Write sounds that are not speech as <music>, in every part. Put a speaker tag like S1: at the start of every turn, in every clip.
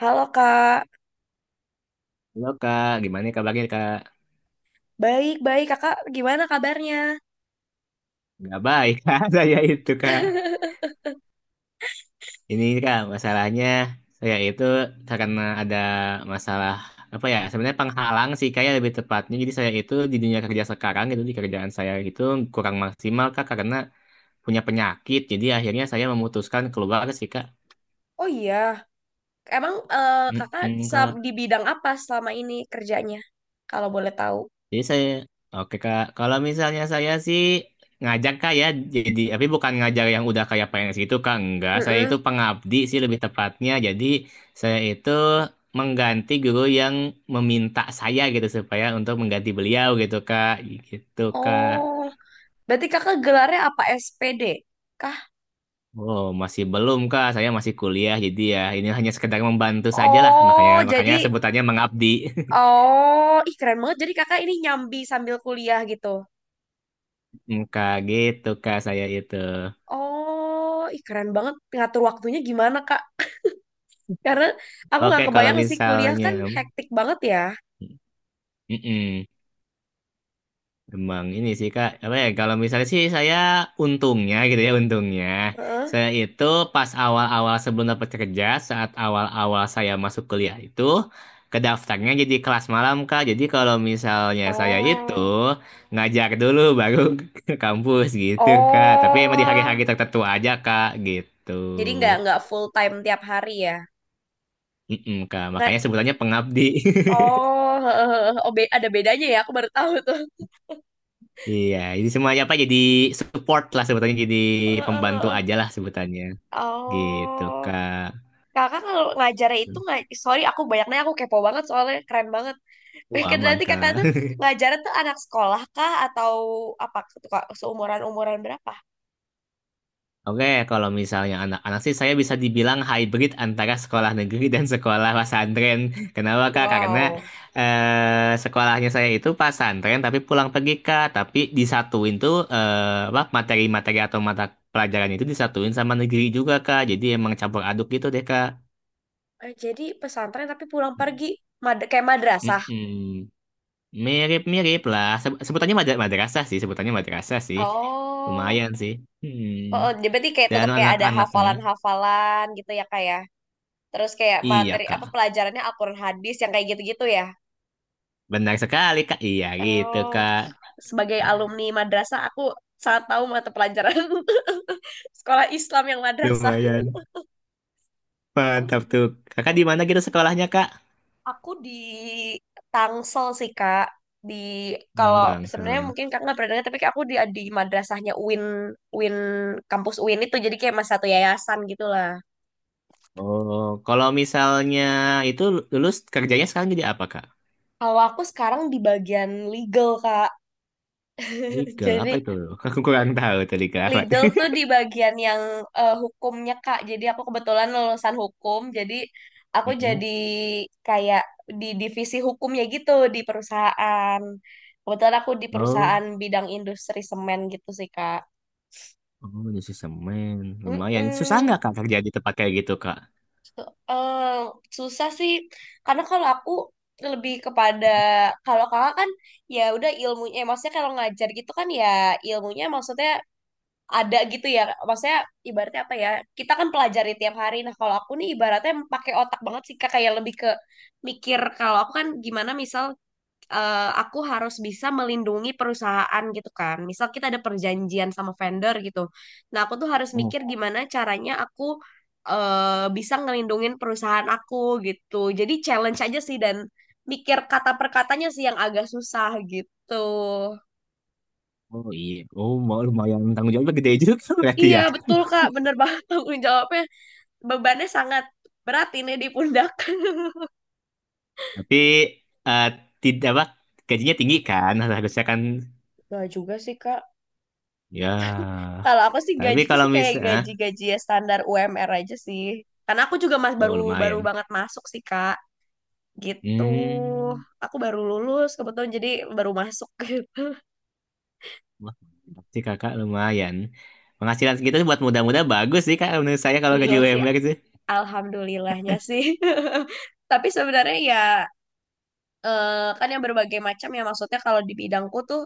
S1: Halo Kak,
S2: Halo kak, gimana nih kabarnya kak?
S1: baik-baik Kakak gimana kabarnya?
S2: Nggak baik <laughs> kak, saya itu kak.
S1: <laughs>
S2: Ini kak, masalahnya saya itu karena ada masalah apa ya? Sebenarnya penghalang sih kayak lebih tepatnya. Jadi saya itu di dunia kerja sekarang itu di kerjaan saya itu kurang maksimal kak karena punya penyakit. Jadi akhirnya saya memutuskan keluar sih kak.
S1: Oh iya, emang Kakak
S2: Mm-mm, kak.
S1: di bidang apa selama ini kerjanya kalau boleh tahu?
S2: Jadi saya, oke Kak, kalau misalnya saya sih ngajak Kak ya, jadi, tapi bukan ngajar yang udah kayak PNS gitu Kak, enggak. Saya
S1: Mm-mm.
S2: itu pengabdi sih lebih tepatnya, jadi saya itu mengganti guru yang meminta saya gitu, supaya untuk mengganti beliau gitu Kak, gitu Kak.
S1: Oh, berarti Kakak gelarnya apa SPD kah?
S2: Oh, masih belum Kak, saya masih kuliah, jadi ya ini hanya sekedar membantu saja lah, makanya,
S1: Oh,
S2: makanya
S1: jadi
S2: sebutannya mengabdi. <laughs>
S1: oh, ih keren banget. Jadi Kakak ini nyambi sambil kuliah gitu.
S2: Mm, Kak, gitu Kak, saya itu.
S1: Oh, ih keren banget ngatur waktunya gimana Kak? Karena aku
S2: Oke,
S1: nggak
S2: kalau
S1: kebayang sih kuliah
S2: misalnya...
S1: kan hektik banget ya.
S2: Mm-mm. Emang ini sih Kak, apa ya kalau misalnya sih saya untungnya gitu ya untungnya
S1: Heeh.
S2: saya itu pas awal-awal sebelum dapat kerja saat awal-awal saya masuk kuliah itu kedaftarnya jadi kelas malam Kak. Jadi kalau misalnya saya itu
S1: Oh.
S2: ngajar dulu baru <laughs> ke kampus gitu Kak. Tapi emang di
S1: Oh,
S2: hari-hari tertentu aja Kak gitu.
S1: jadi nggak full time tiap hari ya.
S2: Mm-mm, Kak,
S1: Nggak,
S2: makanya sebutannya pengabdi. <laughs>
S1: oh, <laughs> oh ada bedanya ya, aku baru tahu tuh.
S2: Iya, jadi semuanya apa jadi support lah sebutannya jadi pembantu
S1: <laughs>
S2: aja lah sebutannya. Gitu,
S1: Oh,
S2: Kak.
S1: kakak kalau ngajarnya itu nggak, sorry aku kepo banget soalnya keren banget. Mungkin
S2: Aman,
S1: nanti kakak
S2: Kak.
S1: tuh
S2: <laughs>
S1: ngajarnya tuh anak sekolah kah atau apa tuh kak seumuran umuran berapa?
S2: Oke, kalau misalnya anak-anak sih saya bisa dibilang hybrid antara sekolah negeri dan sekolah pesantren. <laughs> Kenapa, Kak? Karena
S1: Wow.
S2: sekolahnya saya itu pesantren tapi pulang pergi, Kak. Tapi disatuin tuh apa materi-materi atau mata pelajarannya itu disatuin sama negeri juga, Kak. Jadi emang campur aduk gitu deh, Kak.
S1: Jadi pesantren tapi pulang pergi, kayak madrasah.
S2: Mm-mm. Mirip-mirip lah. Madrasah sih, sebutannya madrasah sih.
S1: Oh.
S2: Lumayan sih. Hmm.
S1: Oh, dia berarti kayak
S2: Dan
S1: tetap kayak ada
S2: anak-anaknya.
S1: hafalan-hafalan gitu ya kak ya. Terus kayak
S2: Iya,
S1: materi apa
S2: Kak.
S1: pelajarannya Al-Qur'an hadis yang kayak gitu-gitu ya.
S2: Benar sekali, Kak. Iya, gitu,
S1: Oh,
S2: Kak.
S1: sebagai alumni madrasah aku sangat tahu mata pelajaran <laughs> sekolah Islam yang madrasah.
S2: Lumayan.
S1: Oh
S2: Mantap
S1: gitu.
S2: tuh. Kakak di mana gitu sekolahnya, Kak?
S1: Aku di Tangsel sih kak. Di
S2: Hmm,
S1: kalau sebenarnya
S2: Langsung.
S1: mungkin kak nggak pernah dengar tapi kayak aku di madrasahnya UIN, UIN, kampus UIN itu jadi kayak mas satu yayasan gitulah.
S2: Oh, kalau misalnya itu lulus kerjanya sekarang jadi apa, Kak?
S1: Kalau aku sekarang di bagian legal kak. <laughs>
S2: Legal, apa
S1: Jadi
S2: itu? <laughs> Aku kurang tahu tuh legal apa. <laughs>
S1: legal tuh di bagian yang hukumnya Kak. Jadi aku kebetulan lulusan hukum, jadi aku
S2: Mm-mm.
S1: jadi kayak di divisi hukumnya gitu di perusahaan. Kebetulan aku di
S2: Oh,
S1: perusahaan bidang industri semen gitu sih Kak.
S2: oh, jadi semen. Lumayan. Susah
S1: Mm-mm.
S2: nggak, Kak, kerja di tempat kayak gitu, Kak?
S1: So- eh, Susah sih, karena kalau aku lebih kepada, kalau kakak kan ya udah ilmunya, maksudnya kalau ngajar gitu kan ya ilmunya maksudnya ada gitu ya, maksudnya ibaratnya apa ya, kita kan pelajari tiap hari. Nah kalau aku nih ibaratnya pakai otak banget sih Kak, kayak lebih ke mikir. Kalau aku kan gimana misal, aku harus bisa melindungi perusahaan gitu kan, misal kita ada perjanjian sama vendor gitu, nah aku tuh harus mikir gimana caranya aku bisa ngelindungin perusahaan aku gitu. Jadi challenge aja sih, dan mikir kata per katanya sih yang agak susah gitu.
S2: Oh iya, oh mau lumayan tanggung jawabnya gede juga <laughs> berarti
S1: Iya
S2: ya.
S1: betul Kak, bener banget tanggung jawabnya, bebannya sangat berat ini di pundak. <laughs>
S2: Tapi eh tidak apa gajinya tinggi kan. Nah, harusnya kan
S1: Gak juga sih, Kak.
S2: ya.
S1: Kalau aku sih
S2: Tapi
S1: gajinya
S2: kalau
S1: sih kayak
S2: misalnya,
S1: gaji-gaji ya standar UMR aja sih. Karena aku juga mas
S2: oh
S1: baru baru
S2: lumayan.
S1: banget masuk sih, Kak. Gitu.
S2: Hmm,
S1: Aku baru lulus kebetulan jadi baru masuk.
S2: wah berarti kakak lumayan. Penghasilan segitu buat muda-muda bagus sih kak menurut saya kalau
S1: Iya
S2: gaji
S1: <laughs> sih,
S2: UMR sih.
S1: alhamdulillahnya sih. <laughs> Tapi sebenarnya ya, kan yang berbagai macam ya, maksudnya kalau di bidangku tuh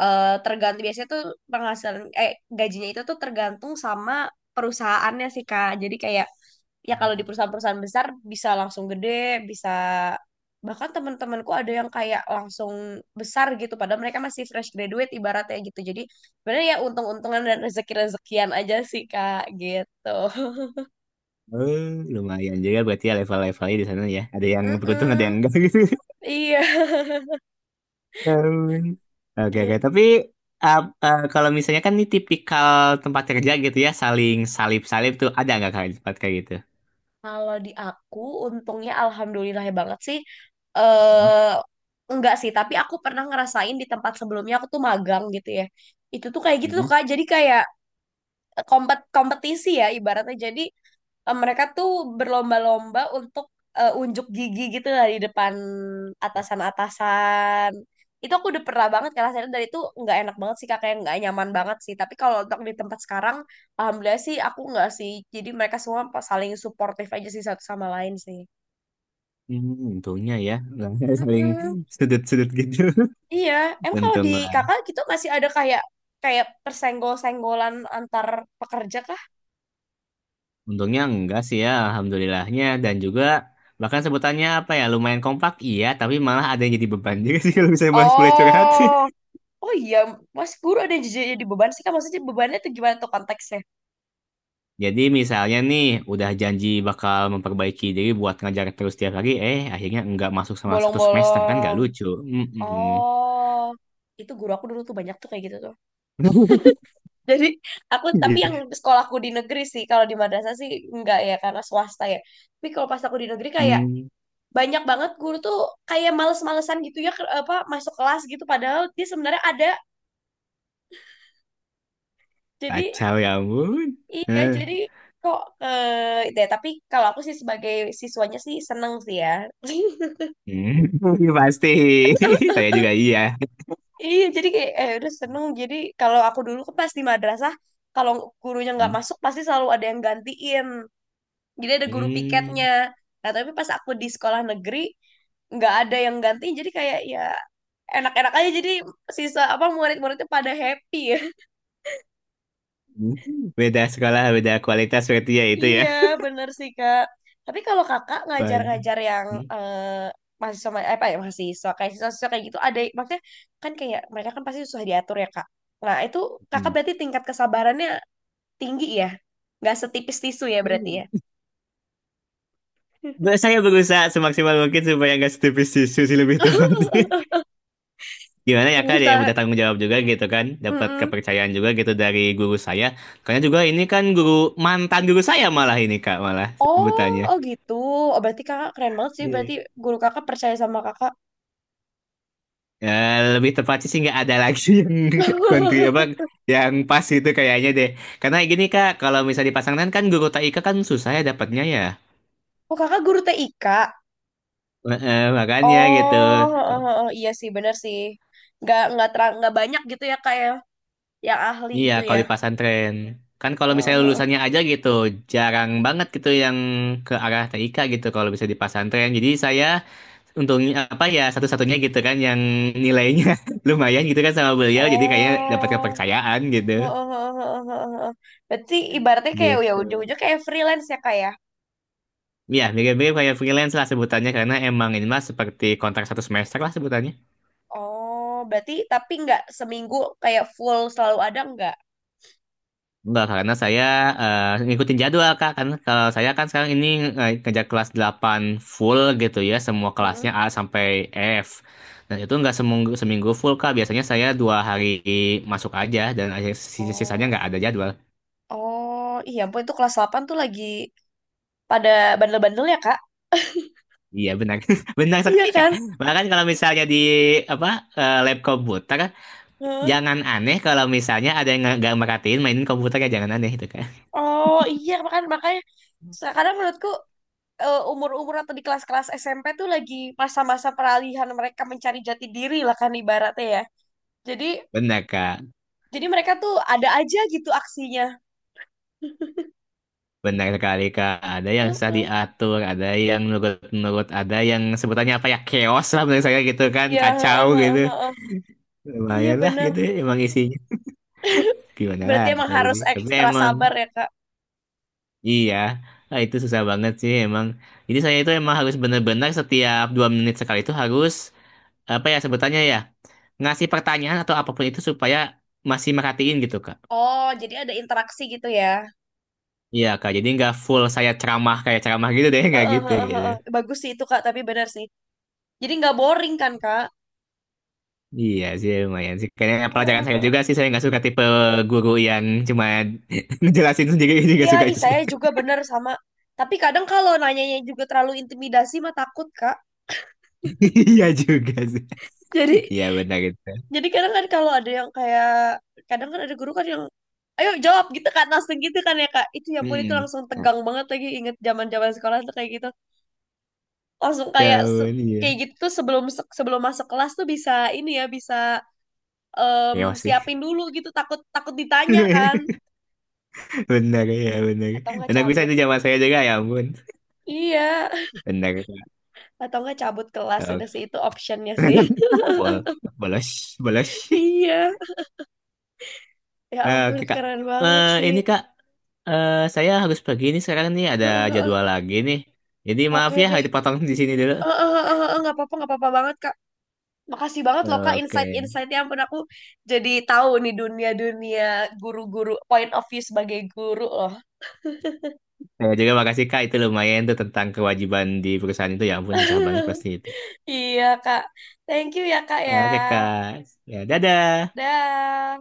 S1: tergantung. Biasanya tuh penghasilan, gajinya itu tuh tergantung sama perusahaannya sih Kak. Jadi kayak ya kalau di perusahaan-perusahaan besar bisa langsung gede, bisa bahkan teman-temanku ada yang kayak langsung besar gitu padahal mereka masih fresh graduate ibaratnya gitu. Jadi sebenarnya ya untung-untungan dan rezeki-rezekian aja sih Kak gitu.
S2: Oh, lumayan juga berarti ya level-levelnya di sana ya. Ada
S1: <laughs>
S2: yang beruntung, ada yang
S1: Mm-mm.
S2: enggak <laughs> gitu.
S1: Iya,
S2: Ya ampun. Oke,
S1: gitu.
S2: oke. Tapi uh, kalau misalnya kan ini tipikal tempat kerja gitu ya, saling salip-salip tuh ada nggak kayak tempat kayak gitu?
S1: Kalau di aku, untungnya alhamdulillah ya banget sih. eh enggak sih, tapi aku pernah ngerasain di tempat sebelumnya aku tuh magang gitu ya. Itu tuh kayak gitu tuh
S2: Mm-mm.
S1: Kak. Jadi kayak kompetisi ya ibaratnya. Jadi mereka tuh berlomba-lomba untuk unjuk gigi gitu lah di depan atasan-atasan. Itu aku udah pernah banget kan rasanya, dari itu nggak enak banget sih kakaknya, nggak nyaman banget sih. Tapi kalau untuk di tempat sekarang, alhamdulillah sih aku nggak sih. Jadi mereka semua saling suportif aja sih satu sama lain sih.
S2: Hmm, untungnya ya, nggak <laughs> saling
S1: Mm-mm.
S2: sudut-sudut gitu.
S1: Iya,
S2: <laughs>
S1: emang kalau di
S2: Untung,
S1: kakak gitu masih ada kayak kayak persenggol-senggolan antar pekerja kah?
S2: untungnya enggak sih ya, alhamdulillahnya. Dan juga bahkan sebutannya apa ya, lumayan kompak iya, tapi malah ada yang jadi beban juga sih <laughs> kalau misalnya boleh boleh curhat. <laughs>
S1: Oh, oh iya, Mas Guru ada yang jadi beban sih kak. Maksudnya bebannya tuh gimana tuh konteksnya?
S2: Jadi misalnya nih udah janji bakal memperbaiki diri buat ngajar terus tiap hari, eh akhirnya nggak masuk sama 1 semester kan nggak
S1: Bolong-bolong.
S2: lucu. Mm-mm.
S1: Oh, itu guru aku dulu tuh banyak tuh kayak gitu tuh. <laughs> Jadi aku tapi yang
S2: <laughs>
S1: sekolahku di negeri sih, kalau di madrasah sih enggak ya karena swasta ya. Tapi kalau pas aku di negeri kayak
S2: Hmm,
S1: banyak banget guru tuh kayak males-malesan gitu ya apa masuk kelas gitu padahal dia sebenarnya ada. Jadi
S2: kacau ya ampun.
S1: iya,
S2: Heh.
S1: jadi kok eh deh tapi kalau aku sih sebagai siswanya sih seneng sih ya. <laughs>
S2: Hmm, <laughs> pasti. <laughs> Saya juga iya.
S1: Iya, jadi kayak udah seneng. Jadi kalau aku dulu kan pas di madrasah, kalau gurunya nggak
S2: Hmm.
S1: masuk pasti selalu ada yang gantiin. Jadi ada guru
S2: Hmm.
S1: piketnya. Nah, tapi pas aku di sekolah negeri nggak ada yang gantiin. Jadi kayak ya enak-enak aja. Jadi sisa apa murid-muridnya pada happy ya. <laughs>
S2: Beda sekolah, beda kualitas berarti ya itu ya.
S1: Iya, bener sih Kak. Tapi kalau Kakak
S2: Waduh.
S1: ngajar-ngajar yang
S2: Hmm.
S1: eh, mahasiswa, apa ya, mahasiswa kayak siswa-siswa kayak gitu, ada maksudnya, kan kayak mereka kan pasti susah diatur ya Kak. Nah, itu Kakak
S2: Hmm.
S1: berarti tingkat kesabarannya tinggi ya? Nggak setipis tisu ya berarti ya?
S2: Saya berusaha semaksimal mungkin supaya nggak setipis tisu sih lebih tepat. <laughs>
S1: <laughs>
S2: Gimana ya Kak, ada yang
S1: Bisa.
S2: udah tanggung jawab juga gitu kan, dapat
S1: Mm-mm.
S2: kepercayaan juga gitu dari guru saya. Karena juga ini kan mantan guru saya malah ini Kak, malah
S1: Oh, oh
S2: sebutannya.
S1: gitu. Oh, berarti kakak keren banget sih. Berarti
S2: Iya.
S1: guru kakak percaya sama kakak.
S2: Ya, lebih tepatnya sih nggak ada lagi <laughs> yang kontri apa
S1: <laughs>
S2: yang pas itu kayaknya deh. Karena gini Kak, kalau misalnya dipasangkan kan guru TIK kan susah ya dapatnya ya.
S1: Oh, kakak guru TIK.
S2: Makanya gitu.
S1: Oh, oh, oh, oh, iya sih, bener sih. Nggak, terang, nggak banyak gitu ya kak ya, yang ahli
S2: Iya,
S1: gitu
S2: kalau
S1: ya.
S2: di pesantren. Kan kalau misalnya
S1: Oh,
S2: lulusannya aja gitu, jarang banget gitu yang ke arah TIK gitu kalau bisa di pesantren. Jadi saya untungnya apa ya satu-satunya gitu kan yang nilainya <laughs> lumayan gitu kan sama
S1: oh,
S2: beliau. Jadi kayaknya dapat kepercayaan gitu.
S1: oh, oh, oh, oh, oh, oh, oh. Berarti ibaratnya kayak ya
S2: Gitu.
S1: ujung-ujung kayak freelance ya kak ya.
S2: Iya, mirip-mirip kayak freelance lah sebutannya karena emang ini mah seperti kontrak 1 semester lah sebutannya.
S1: Oh, berarti tapi nggak seminggu kayak full selalu ada nggak?
S2: Enggak, karena saya ngikutin jadwal, Kak. Kan kalau saya kan sekarang ini kerja kelas 8 full gitu ya, semua kelasnya
S1: Mm-mm.
S2: A sampai F. Dan itu nggak seminggu, seminggu full, Kak. Biasanya saya 2 hari masuk aja, dan sisanya
S1: Oh,
S2: nggak ada jadwal.
S1: oh, iya ampun itu kelas 8 tuh lagi pada bandel-bandel ya, Kak?
S2: Iya, benar. <laughs> Benar
S1: Iya
S2: sekali, Kak.
S1: kan?
S2: Bahkan kalau misalnya di apa lab komputer,
S1: Heeh.
S2: jangan aneh kalau misalnya ada yang nggak merhatiin mainin komputernya, jangan aneh itu, Kak.
S1: Oh, iya makan makanya kadang menurutku umur-umur atau di kelas-kelas SMP tuh lagi masa-masa peralihan mereka mencari jati diri lah kan ibaratnya ya. Jadi
S2: Benar, Kak.
S1: jadi mereka tuh ada aja gitu aksinya.
S2: Benar sekali Kak, ada yang susah
S1: Mm-mm.
S2: diatur, ada yang nurut-nurut, ada yang sebutannya apa ya, chaos lah menurut saya gitu kan,
S1: Iya, heeh,
S2: kacau
S1: heeh,
S2: gitu.
S1: heeh.
S2: Lumayan
S1: Iya
S2: lah
S1: benar.
S2: gitu ya emang isinya. Gimana
S1: Berarti
S2: lah
S1: emang
S2: tapi
S1: harus
S2: sih. Tapi
S1: ekstra
S2: emang
S1: sabar ya, Kak.
S2: iya, ah, itu susah banget sih emang. Jadi saya itu emang harus benar-benar setiap 2 menit sekali itu harus apa ya sebutannya ya, ngasih pertanyaan atau apapun itu supaya masih merhatiin gitu Kak.
S1: Oh, jadi ada interaksi gitu ya.
S2: Iya Kak, jadi nggak full saya ceramah kayak ceramah gitu deh, <laughs> nggak
S1: Heeh,
S2: gitu
S1: heeh,
S2: gitu.
S1: heeh. Bagus sih itu, Kak, tapi benar sih. Jadi nggak boring kan, Kak?
S2: Iya sih lumayan sih. Kayaknya pelajaran saya
S1: Heeh.
S2: juga sih saya nggak suka tipe guru yang cuma <laughs> ngejelasin sendiri ini
S1: Iya,
S2: nggak suka
S1: ih
S2: itu saya.
S1: saya juga
S2: <laughs>
S1: bener sama. Tapi kadang kalau nanyanya juga terlalu intimidasi mah takut, Kak.
S2: Iya juga sih.
S1: <laughs> Jadi
S2: Iya benar itu.
S1: jadi kadang kan kalau ada yang kayak, kadang kan ada guru kan yang ayo jawab gitu kan langsung gitu kan ya Kak. Itu ya ampun itu
S2: Hmm.
S1: langsung tegang banget, lagi inget zaman-zaman sekolah tuh kayak gitu. Langsung
S2: Ya
S1: kayak
S2: ampun,
S1: kayak
S2: iya.
S1: gitu tuh sebelum sebelum masuk kelas tuh bisa ini ya, bisa em,
S2: Chaos sih.
S1: siapin dulu gitu, takut takut ditanya kan,
S2: <laughs> Benar ya benar.
S1: atau nggak
S2: Benar bisa
S1: cabut.
S2: itu zaman saya juga ya ampun.
S1: Iya.
S2: Benar. <laughs>
S1: Atau enggak cabut kelas, udah
S2: Oke.
S1: sih itu optionnya sih.
S2: Bol bolos bolos.
S1: <laughs>
S2: <laughs>
S1: Iya, ya ampun
S2: Oke kak.
S1: keren banget sih.
S2: Ini kak. Saya harus pergi nih sekarang nih ada jadwal
S1: <laughs>
S2: lagi nih. Jadi maaf
S1: Oke
S2: ya
S1: deh.
S2: harus dipotong di sini dulu.
S1: Nggak apa-apa, nggak apa-apa banget kak, makasih banget loh kak
S2: Oke.
S1: insight-insightnya. Ya ampun aku jadi tahu nih dunia-dunia guru-guru point of view sebagai guru loh.
S2: Saya juga makasih Kak, itu lumayan tuh tentang kewajiban di perusahaan itu. Ya ampun, susah banget pasti itu.
S1: Iya kak, thank you ya kak ya.
S2: Oke Kak, ya dadah.
S1: Dah.